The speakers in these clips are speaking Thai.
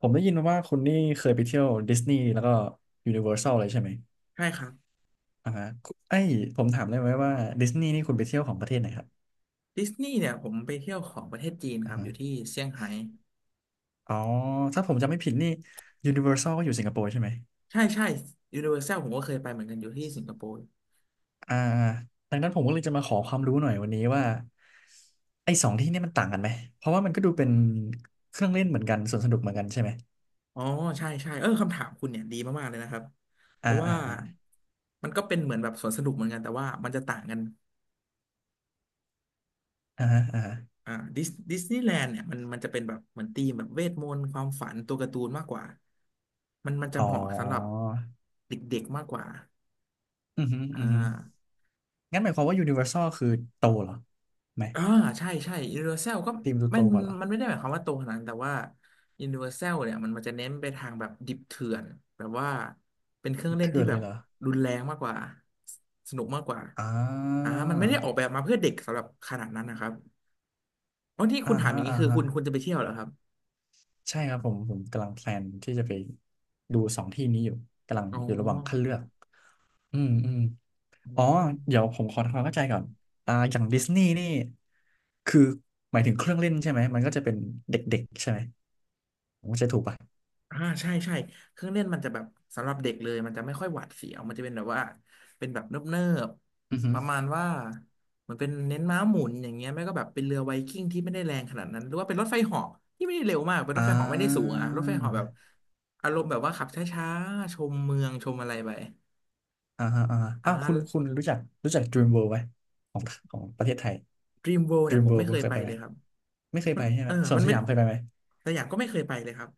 ผมได้ยินมาว่าคุณนี่เคยไปเที่ยวดิสนีย์แล้วก็ยูนิเวอร์แซลเลยใช่ไหมใช่ครับอ่าฮะไอ้ยผมถามได้ไหมว่าดิสนีย์นี่คุณไปเที่ยวของประเทศไหนครับดิสนีย์เนี่ยผมไปเที่ยวของประเทศจีนคอ่ารับอฮะยู่ที่เซี่ยงไฮ้อ๋อถ้าผมจำไม่ผิดนี่ยูนิเวอร์แซลก็อยู่สิงคโปร์ใช่ไหมใช่ใช่ยูนิเวอร์แซลผมก็เคยไปเหมือนกันอยู่ที่สิงคโปร์อ่าดังนั้นผมก็เลยจะมาขอความรู้หน่อยวันนี้ว่าไอ้สองที่นี่มันต่างกันไหมเพราะว่ามันก็ดูเป็นเครื่องเล่นเหมือนกันสวนสนุกเหมือนกันใช่ไหมอ๋อใช่ใช่เออคำถามคุณเนี่ยดีมากๆเลยนะครับเพอ่าราะว่าอ่าอ่ามันก็เป็นเหมือนแบบสวนสนุกเหมือนกันแต่ว่ามันจะต่างกันอ่าฮะอ่าฮะอ่าดิสนีย์แลนด์เนี่ยมันจะเป็นแบบเหมือนธีมแบบเวทมนต์ความฝันตัวการ์ตูนมากกว่ามันจะอ๋อเหมาะสำหรับเด็กๆมากกว่าอือฮึอ่อือฮึา งั้นหมายความว่ายูนิเวอร์แซลคือโตเหรอไหมอ่าใช่ใช่ Universal ก็ทีมดูมัโตนกว่าเหรอ มันไม่ได้หมายความว่าตรงขนาดนั้นแต่ว่า Universal เนี่ยมันจะเน้นไปทางแบบดิบเถื่อนแบบว่าเป็นเครื่องเล่นเถื่ที่อนแบเลบยเหรอรุนแรงมากกว่าสนุกมากกว่าอ่ามันไม่ได้ออกแบบมาเพื่อเด็กสำหรับขนาดนั้นนะครับอ๋อที่อ่าคุณถามอฮะย่างนี้อ่าคือฮะคุณจะไปเที่ยวเหรอครับใช่ครับผม กำลังแพลนที่จะไปดูสองที่นี้อยู่ กำลังอ๋อยู่ระหว่างคัดอเลือกอืมอืม อ๋อ อ๋อ เดี๋ยวผมขอทำความเข้าใจก่อน อ่าอย่างดิสนีย์นี่คือ หมายถึงเครื่องเล่นใช่ไหม มันก็จะเป็นเด็กๆใช่ไหมผมเข้าใจถูกป่ะใช่ใช่เครื่องเล่นมันจะแบบสำหรับเด็กเลยมันจะไม่ค่อยหวาดเสียวมันจะเป็นแบบว่าเป็นแบบเนิบอือฮึๆประมาณว่ามันเป็นเน้นม้าหมุนอย่างเงี้ยไม่ก็แบบเป็นเรือไวกิ้งที่ไม่ได้แรงขนาดนั้นหรือว่าเป็นรถไฟเหาะที่ไม่ได้เร็วมากเป็นรอ่ถไฟเหาะไม่ได้สูงาอะรถไฟเหาะแบบอารมณ์แบบว่าขับช้าๆชมเมืองชมอะไรไปอ่าฮะอ่าฮะอ่า อ้าวคุณรู้จัก Dream World ไหมของของประเทศไทย Dream World เนี่ย Dream ผม World ไม่คุเคณยเคยไปไปไหมเลยครับไม่เคยมัไปนใช่ไหเอมอสวมันนสไม่ยามเคยไปไหม แต่อย่างก็ไม่เคยไปเลยครับ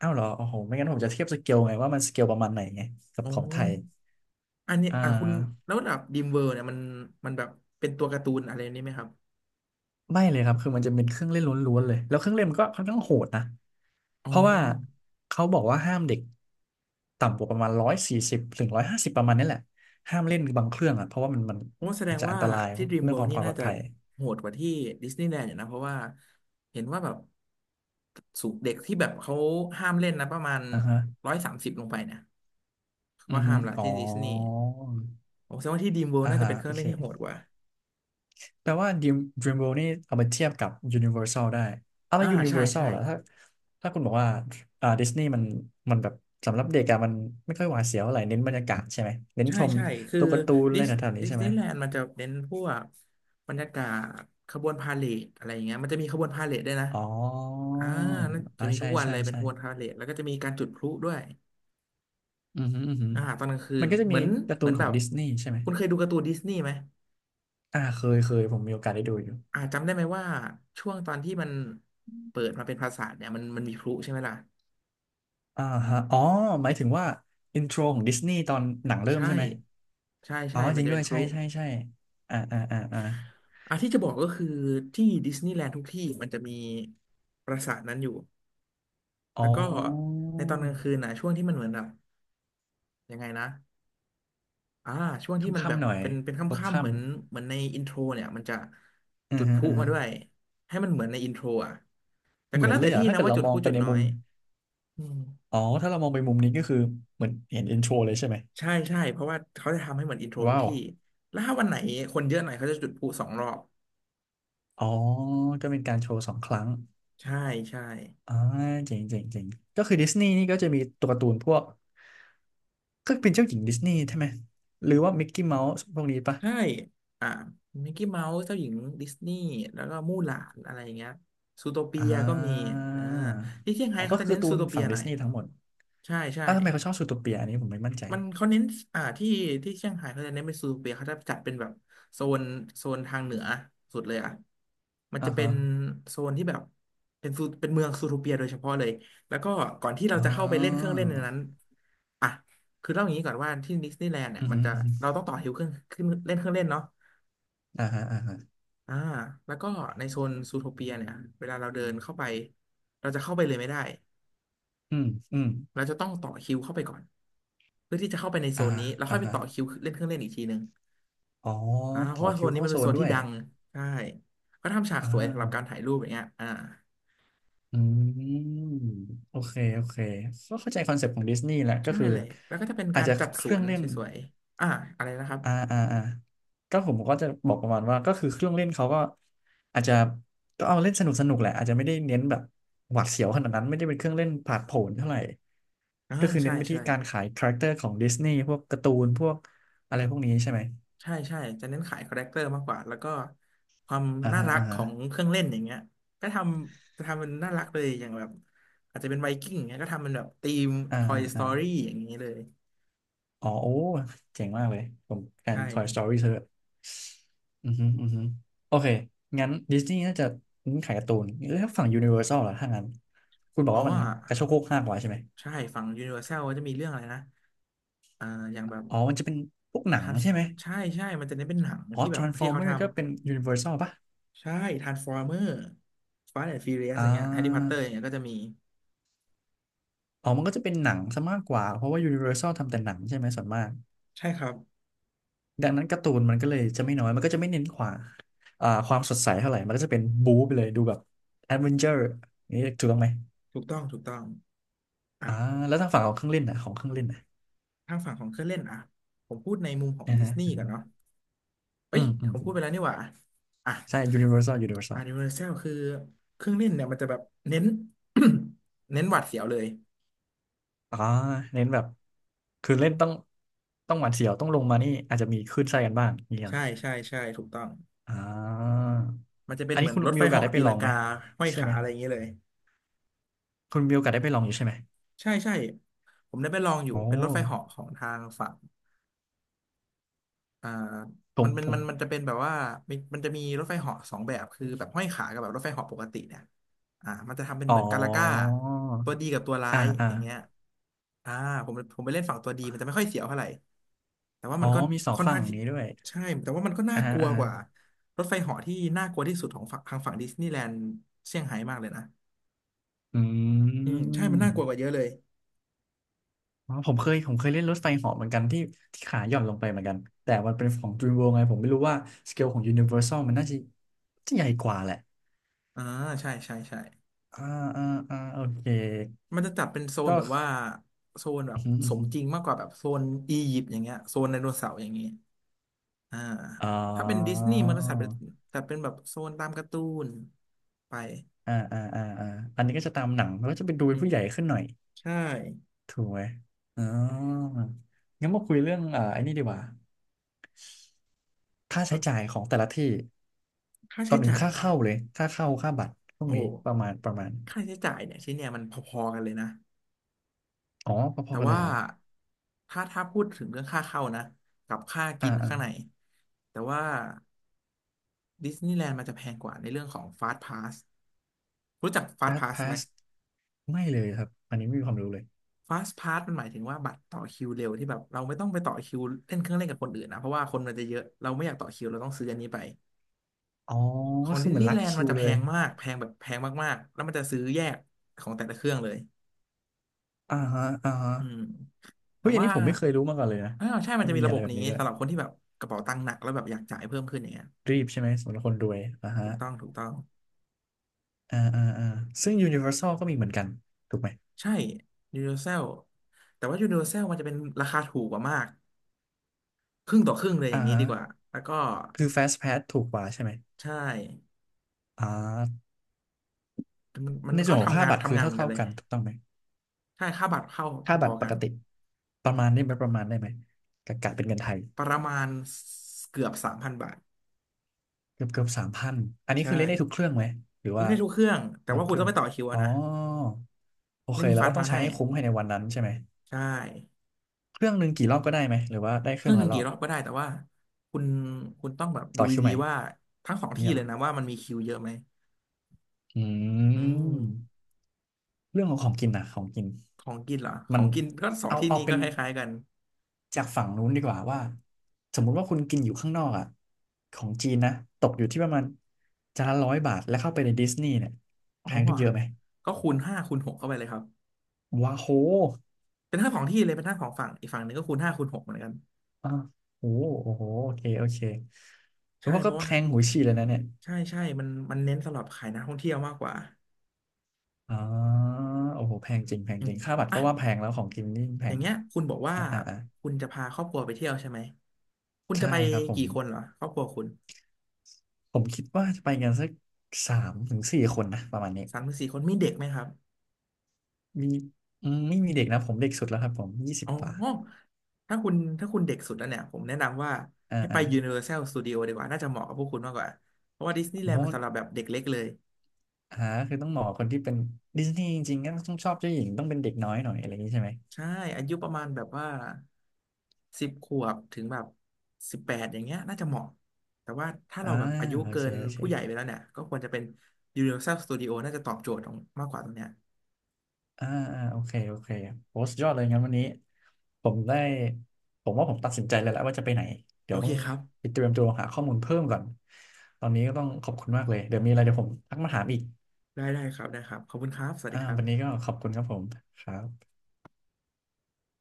อ้าวเหรอโอ้โหไม่งั้นผมจะเทียบสเกลไงว่ามันสเกลประมาณไหนไงกับอ๋อของไทยอันนี้อ่อ่ะคุณาแล้วแบบดีมเวิร์เนี่ยมันแบบเป็นตัวการ์ตูนอะไรนี้ไหมครับ ไม่เลยครับคือมันจะเป็นเครื่องเล่นล้วนๆเลยแล้วเครื่องเล่นมันก็ค่อนข้างโหดนะอ๋อเพราะว่าเขาบอกว่าห้ามเด็กต่ำกว่าประมาณ140ถึง150ประมาณนี้แหละห้ามเล่นบางเครื่องอ่ะเพราะว่ามันผมว่าแสดอาจงจะอัว่านตรายที่ Dream เรื่องขอ World งนี่ความปน่าลอดจะภัยโหดกว่าที่ดิสนีย์แลนด์อยู่นะเพราะว่าเห็นว่าแบบสูงเด็กที่แบบเขาห้ามเล่นนะประมาณอ่าฮะ130ลงไปเนี่ยเขาอืก็อห้าฮึมละอ๋อที่ดิสนีย์ผมแสดงว่าที่ Dream World อ่าน่าจะฮะเป็นเคโอรื่องเล่เค นที่โหดกว่าแปลว่า Dreamworld นี่เอามาเทียบกับ Universal ได้ เอาแล้อ่าว ใช่ Universal ใช่ล่ะถ้าถ้าคุณบอกว่าอ่าดิสนีย์มันแบบสำหรับเด็กอะมันไม่ค่อยหวาดเสียวอะไรเน้นบรรยากาศใช่ไหมเน้นใช่ชมใช่คือตัวการ์ตูนอะดิไรสแถวๆนี้ดิสใช่นีไหมย์แลนด์มันจะเน้นพวกบรรยากาศขบวนพาเหรดอะไรอย่างเงี้ยมันจะมีขบวนพาเหรดด้วยนะอ๋ออ่าน่าจะอ่ามีทุใช่กวันใช่เลยเป็นใช่ขบวนพาเหรดแล้วก็จะมีการจุดพลุด้วย อือหืออือหือตอนกลางคืมันนก็จะเหมีมือนการ์เหตูมือนนขแบองบดิสนีย์ใช่ไหมคุณเคยดูการ์ตูนดิสนีย์ไหมอ่าเคยเคยผมมีโอกาสได้ดูอยู่จำได้ไหมว่าช่วงตอนที่มันเปิดมาเป็นปราสาทเนี่ยมันมีพลุใช่ไหมล่ะอ่าฮะอ๋อหมายถึงว่าอินโทรของดิสนีย์ตอนหนังเริ่มใช่ใช่ไหมใช่อ๋อใช่มัจนริงจะด้เป็วนยพลุใช่ใช่ใช่อ่าอ่าอ่าอ่า อ่ะที่จะบอกก็คือที่ดิสนีย์แลนด์ทุกที่มันจะมีปราสาทนั้นอยู่อ๋แล้วก็อในตอนกลางคืนนะช่วงที่มันเหมือนแบบยังไงนะอ่าช่วงคที่มันแบ่ำบๆหน่อยเป็นคพบ่ำๆค่เหมือนเหมือนในอินโทรเนี่ยมันจะำอืาจุดพลุมาด้วยอืาให้มันเหมือนในอินโทรอ่ะแต่เหก็มือนแล้วเลแต่ยอ่ะที่ถ้านะเกิดว่าเราจุดมพองลุไปจุดในน้อมุย มอืมอ๋อถ้าเรามองไปมุมนี้ก็คือเหมือนเห็นเอ็นโชเลยใช่ไหมใช่ใช่เพราะว่าเขาจะทำให้เหมือนอินโทรทุกว้าวที่แล้วถ้าวันไหนคนเยอะหน่อยเขาจะจุดพลุสองรอบอ๋อก็เป็นการโชว์สองครั้งใช่ใช่อ่าเจ๋งเจ๋งเจ๋งก็คือดิสนีย์นี่ก็จะมีตัวการ์ตูนพวกก็เป็นเจ้าหญิงดิสนีย์ใช่ไหมหรือว่ามิกกี้เมาส์พวกนี้ปะใช่อ่ามิกกี้เมาส์เจ้าหญิงดิสนีย์แล้วก็มู่หลานอะไรอย่างเงี้ยซูโทเปีอ่ยก็มีาอ่าที่เซี่ยงไฮ้อ๋อเขาก็จะคือเน้กานร์ตูซูนโทเปีฝั่ยงหดิน่อสยนีย์ทั้งหมดใช่ใช่ อ่ะทำไมเขาชอบซูโทเปียอันนี้ผมไม่มั่นใจมันเขาเน้นอ่าที่ที่เชียงไฮ้เขาจะเน้นไปนซูเปียเขาจะจัดเป็นแบบโซนโซนทางเหนือสุดเลยอ่ะมันอ่าจะเป็ฮะนโซนที่แบบเป็นซูเป็นเมืองซูโทเปียโดยเฉพาะเลยแล้วก็ก่อนที่เราอ๋อ จะเข้าไปเล่นเครื่องเล่นในนั้นอ่ะคือเล่าอย่างนี้ก่อนว่าที่ดิสนีย์แลนด์เนี่อืยมอมันหืมอจะอื้อหืเราอต้องต่อแถวเครื่องขึ้นเล่นเครื่องเล่นเนาะอ่าฮะอ่าฮะอ่าแล้วก็ในโซนซูโทเปียเนี่ยเวลาเราเดินเข้าไปเราจะเข้าไปเลยไม่ได้ อืมอืมเราจะต้องต่อคิวเข้าไปก่อนเพื่อที่จะเข้าไปในโซอ่านฮะนี้แล้วอ่าค่อยไปฮะต่อคิวเล่นเครื่องเล่นอีกทีหนึ่ง อ๋อเพต่อราะว่าโซคินวนี้เข้ามันโซเป็นโซนนด้ที่วยดังใช่ก็ทำฉากอ่าสวยสำหวรับการถ่ายรูปอย่างเงี้ยอ่าอืมโอเคโอเคก็เข้าใจคอนเซ็ปต์ของดิสนีย์แหละก็ใช่คือเลยแล้วก็จะเป็นอากาจรจะจัดเคสวรื่องนเล่สนวยๆอ่าอะไรนะครับอ่าอ่าอ่าก็ผมก็จะบอกประมาณว่าก็คือเครื่องเล่นเขาก็อาจจะก็เอาเล่นสนุกสนุกแหละอาจจะไม่ได้เน้นแบบหวาดเสียวขนาดนั้นไม่ได้เป็นเครื่องเล่นผาดโผนเท่าไหร่อ่าก็คือเน้ใช่นไปที่ใช่การขายคาแรคเตอร์ของดิสนีย์พวกการ์ตูนพวกอะไรพวกนี้ใช่ไหมใช่ใช่จะเน้นขายคาแรคเตอร์มากกว่าแล้วก็ความอ่าน่าฮะรักอ่าขฮะ องเครื่องเล่นอย่างเงี้ยก็ทจะทำมันน่ารักเลยอย่างแบบอาจจะเป็นไวกิ้งอย่างเงี้ยก็ทำเป็นแบบธีม อ่า Toy อ่าอ่า Story อย่างนี้เลยอ๋อโอ้เจ๋งมากเลยผมการ ใช่ Toy Story เธออือฮึอือฮึโอเคงั้นดิสนีย์น่าจะเน้นขายการ์ตูนแล้วถ้าฝั่ง Universal ล่ะถ้างั้นคุณบออ๋กอว่ามันกระโชกโคกห้ากว่าใช่ไหมใช่ฝั่ง Universal ก็จะมีเรื่องอะไรนะอ่าอย่างแบบ อ๋อมันจะเป็นพวกหนังทานใช่ไหมใช่ใช่ มันจะเน้นเป็นหนังอ๋อ ที่แบบที่เขา Transformer ทำก็เป็น Universal ป่ะใช่ทรานส์ฟอร์เมอร์ฟาสต์แอนด์ฟิวเรียสอ่อย่างเงี้ยแฮร์รี่พอตเตอาร์อย่างเงี้ยก็จะมีอ๋อมันก็จะเป็นหนังซะมากกว่าเพราะว่า Universal ทำแต่หนังใช่ไหมส่วนมากใช่ครับดังนั้นการ์ตูนมันก็เลยจะไม่น้อยมันก็จะไม่เน้นขวาอ่าความสดใสเท่าไหร่มันก็จะเป็นบู๊ไปเลยดูแบบแอดเวนเจอร์นี่ถูกต้องไหม ถูกต้องถูกต้องอ่ะอ่าแล้วทางฝั่งของเครื่องเล่นนะของเครื่องเล่นนะทางฝั่งของเครื่องเล่นอ่ะผมพูดในมุมของนะดิสฮะนีย์กันเนาะเอ้อืยมอืผมมอืพูดมไปแล้วนี่หว่าอ่ะใช่ อ่ะ Universal ยูนิเวอร์แซลคือเครื่องเล่นเนี่ยมันจะแบบเน้น เน้นหวัดเสียวเลยอ่าเน้นแบบคือเล่นต้องหวาดเสียวต้องลงมานี่อาจจะมีคลื่นไส้กันบ้างเนี่ยใช่ใช่ใช่ถูกต้องอ่ามันจะเป็อันนเหนี้มือนคุณรถมีไฟโอกาสเหาะได้ไปตีลอลังงไหมกาห้อยใช่ขาไหมอะไรอย่างเงี้ยเลย คุณมีโอกาสได้ไปลองอยู่ใช่ไหมใช่ใช่ผมได้ไปลองอยู่โอ้เป็นรถไฟเหาะของทางฝั่งอ่าผมผมมันจะเป็นแบบว่ามันจะมีรถไฟเหาะสองแบบคือแบบห้อยขากับแบบรถไฟเหาะปกติเนี่ยมันจะทำเป็นอ๋เหอมือนกาลาก้าตัวดีกับตัวร้าอ่ายอ่าอย่างเงี้ยอ่าผมไปเล่นฝั่งตัวดีมันจะไม่ค่อยเสียวเท่าไหร่แต่ว่าอ๋อมันก็มีสองค่อนฝั่งข้างอย่างที่นี้ด้วยใช่แต่ว่ามันก็น่าอ่าฮะกลัวอ่ากฮะว่ารถไฟเหาะที่น่ากลัวที่สุดของฝั่งทางฝั่งดิสนีย์แลนด์เซี่ยงไฮ้มากเลยนะอือืมใช่มันน่ากลัวกว่าเยม อะเลยอ๋อผมเคยเล่นรถไฟเหาะเหมือนกันที่ขาหย่อนลงไปเหมือนกันแต่มันเป็นของ DreamWorld ไงผมไม่รู้ว่าสเกลของ Universal มันน่าจะจะใหญ่กว่าแหละอ่าใช่ใช่ใช่ อ่าอ่าอ่าโอเคมันจะจัดเป็นโซนก็แบบว่าโซนแบอืบอหืออืสอมหือจริงมากกว่าแบบโซนอียิปต์อย่างเงี้ยโซนไดโนเสาร์อย่างเงี้ยอ่าอ๋อถ้าเป็นดิสนีย์มันจะจัดเป็นแบบโซนตามการ์ตูนไปอ่าอ่าอ่าอ่าอันนี้ก็จะตามหนังแล้วก็จะไปดูอืเป็นมผู้ใหญ่ขึ้นหน่อยใช่ถูกไหมอ๋องั้นมาคุยเรื่องไอ้นี่ดีกว่าค่าเอใช้อจ่ายของแต่ละที่ค่าก่อใช้นอื่นจ่ายค่าเหรอเข้าเลยค่าเข้าค่าบัตรพวกโอ้โหนี้ประมาณค่าใช้จ่ายเนี่ยชิ้นเนี่ยมันพอๆกันเลยนะอ๋อพแต่อๆกันเลว่ายเหรอถ้าพูดถึงเรื่องค่าเข้านะกับค่าอ่กินข้างในา แต่ว่าดิสนีย์แลนด์มันจะแพงกว่าในเรื่องของฟาสต์พาสรู้จักฟาสต์พาสพาสพาไหม สไม่เลยครับอันนี้ไม่มีความรู้เลย fast pass มันหมายถึงว่าบัตรต่อคิวเร็วที่แบบเราไม่ต้องไปต่อคิวเล่นเครื่องเล่นกับคนอื่นนะเพราะว่าคนมันจะเยอะเราไม่อยากต่อคิวเราต้องซื้ออันนี้ไปอ๋อขอก็งคือดิสเหมือนีนย์รัแลดนด์คิมันวจะเลแพยงมากแพงแบบแพงมากๆแล้วมันจะซื้อแยกของแต่ละเครื่องเลยอ่าฮะอ่าฮะอืมแต่เฮ้ย อันว่านี้ผมไม่เคยรู้มาก่อนเลยนะ อ้าวใช่มันมันจะมีมีระอะบไรบแบบนี้นี้ด้วย สำหรับคนที่แบบกระเป๋าตังค์หนักแล้วแบบอยากจ่ายเพิ่มขึ้นอย่างเงี้ยรีบใช่ไหมสำหรับคนรวยอ่าถูฮะกต้องถูกต้องอ่าอ่าอ่าซึ่ง Universal ก็มีเหมือนกัน ถูกไหมใช่ Universal แต่ว่า Universal มันจะเป็นราคาถูกกว่ามากครึ่งต่อครึ่งเลยออ่าย่างนี้ฮะดีกว่าแล้วก็คือ Fast Pass ถูกกว่าใช่ไหมใช่อ่ามันมันในส่ก็วนของทำค่างานบัตรคืทำองานเหมือนกัเท่านเลๆย กันถูกต้องไหม ใช่ค่าบัตรเข้าค่าพบัอตรๆปกักนติประมาณได้ไหมประมาณได้ไหมกะกะเป็นเงินไทยประมาณเกือบ 3,000 บาทเกือบเกือบสามพันอันนี้ใช่คือเล่นได้ทุกเครื่องไหมหรือเล่ว่านได้ทุกเครื่องแต่บางว่าเคคุณรื่ต้อองงไปต่อคิวอ๋อะอ นะโอไม่เคมีแล้วฟานก็ต้อพางนใช้ให้ให้คุ้มภายในวันนั้นใช่ไหมใช่เครื่องหนึ่งกี่รอบก็ได้ไหมหรือว่าได้เคเครื่รื่อองงหละนึ่งรอกี่บรอบก็ได้แต่ว่าคุณคุณต้องแบบดูต่อคิวดีใหม่ๆว่าทั้งสองที่เนี่ยเหเลรยอนะว่ามันมีคิวเยอะไหมอือืมมเรื่องของของกินนะของกินของกินเหรอขมัอนงกินก็สองเอาที่เอานี้เป็ก็นคล้ายๆกันจากฝั่งนู้นดีกว่าว่าสมมุติว่าคุณกินอยู่ข้างนอกอ่ะของจีนนะตกอยู่ที่ประมาณจานละร้อยบาทแล้วเข้าไปในดิสนีย์เนี่ยอ๋แพองขึ้นเยอะไหมก็คูณห้าคูณหกเข้าไปเลยครับว้าโหเป็นทั้งสองที่เลยเป็นทั้งสองฝั่งอีกฝั่งหนึ่งก็คูณห้าคูณหกเหมือนกันอ่ะโอ้โหโอ้โหโอเคโอเคเพใช่ราะว่าเพก็ราะแพว่างหูฉี่เลยนะเนี่ย ใช่ใช่มันเน้นสำหรับขายนักท่องเที่ยวมากกว่าอ๋อโอ้โหแพงจริงแพงอืจมริงค่าบัตรอ่ะ ก็ว่าแพงแล้วของกินนี่แพอย่างงเงี้ยคุณบอกว่าอ่าอ่าอ่าคุณจะพาครอบครัวไปเที่ยวใช่ไหมคุณจะใช่ไปครับผมกี่คนเหรอครอบครัวคุณผมคิดว่าจะไปกันสักสามถึงสี่คนนะประมาณนี้3-4 คนมีเด็กไหมครับมีอืมไม่มีเด็กนะผมเด็กสุดแล้วครับผมยี่สิบอ๋อกว่าถ้าคุณเด็กสุดแล้วเนี่ยผมแนะนำว่าอ่าให้ไป อ่า Universal Studio ดีกว่าน่าจะเหมาะกับพวกคุณมากกว่าเพราะว่าดิสนีย์แลเพนด์ราะมันว่าสำหรับแบบเด็กเล็กเลยหาคือต้องเหมาะคนที่เป็นดิสนีย์จริงๆก็ต้องชอบเจ้าหญิงต้องเป็นเด็กน้อยหน่อยอะไรอย่างนี้ใช่ไหมใช่อายุประมาณแบบว่า10 ขวบถึงแบบ18อย่างเงี้ยน่าจะเหมาะแต่ว่าถ้าอ่าเราแบบอายุโอเกิเคนโอเค ผู้ใหญ่ไปแล้วเนี่ยก็ควรจะเป็น Universal Studio น่าจะตอบโจทย์ตรงมากกว่าตรงเนี้ยอ่าอ่าโอเคโอเคโอ้สุดยอดเลยงั้นวันนี้ผมได้ผมว่าผมตัดสินใจเลยแล้วว่าจะไปไหนเดี๋โอยวเคต้องครับ ไปเตรียมตัวหาข้อมูลเพิ่มก่อนตอนนี้ก็ต้องขอบคุณมากเลยเดี๋ยวมีอะไรเดี๋ยวผมทักมาถามอีกได้ได้ครับได้ครับขอบคุณครับสวัสอ่าดีครัวันนี้ก็บขอบคุณครับผมครับ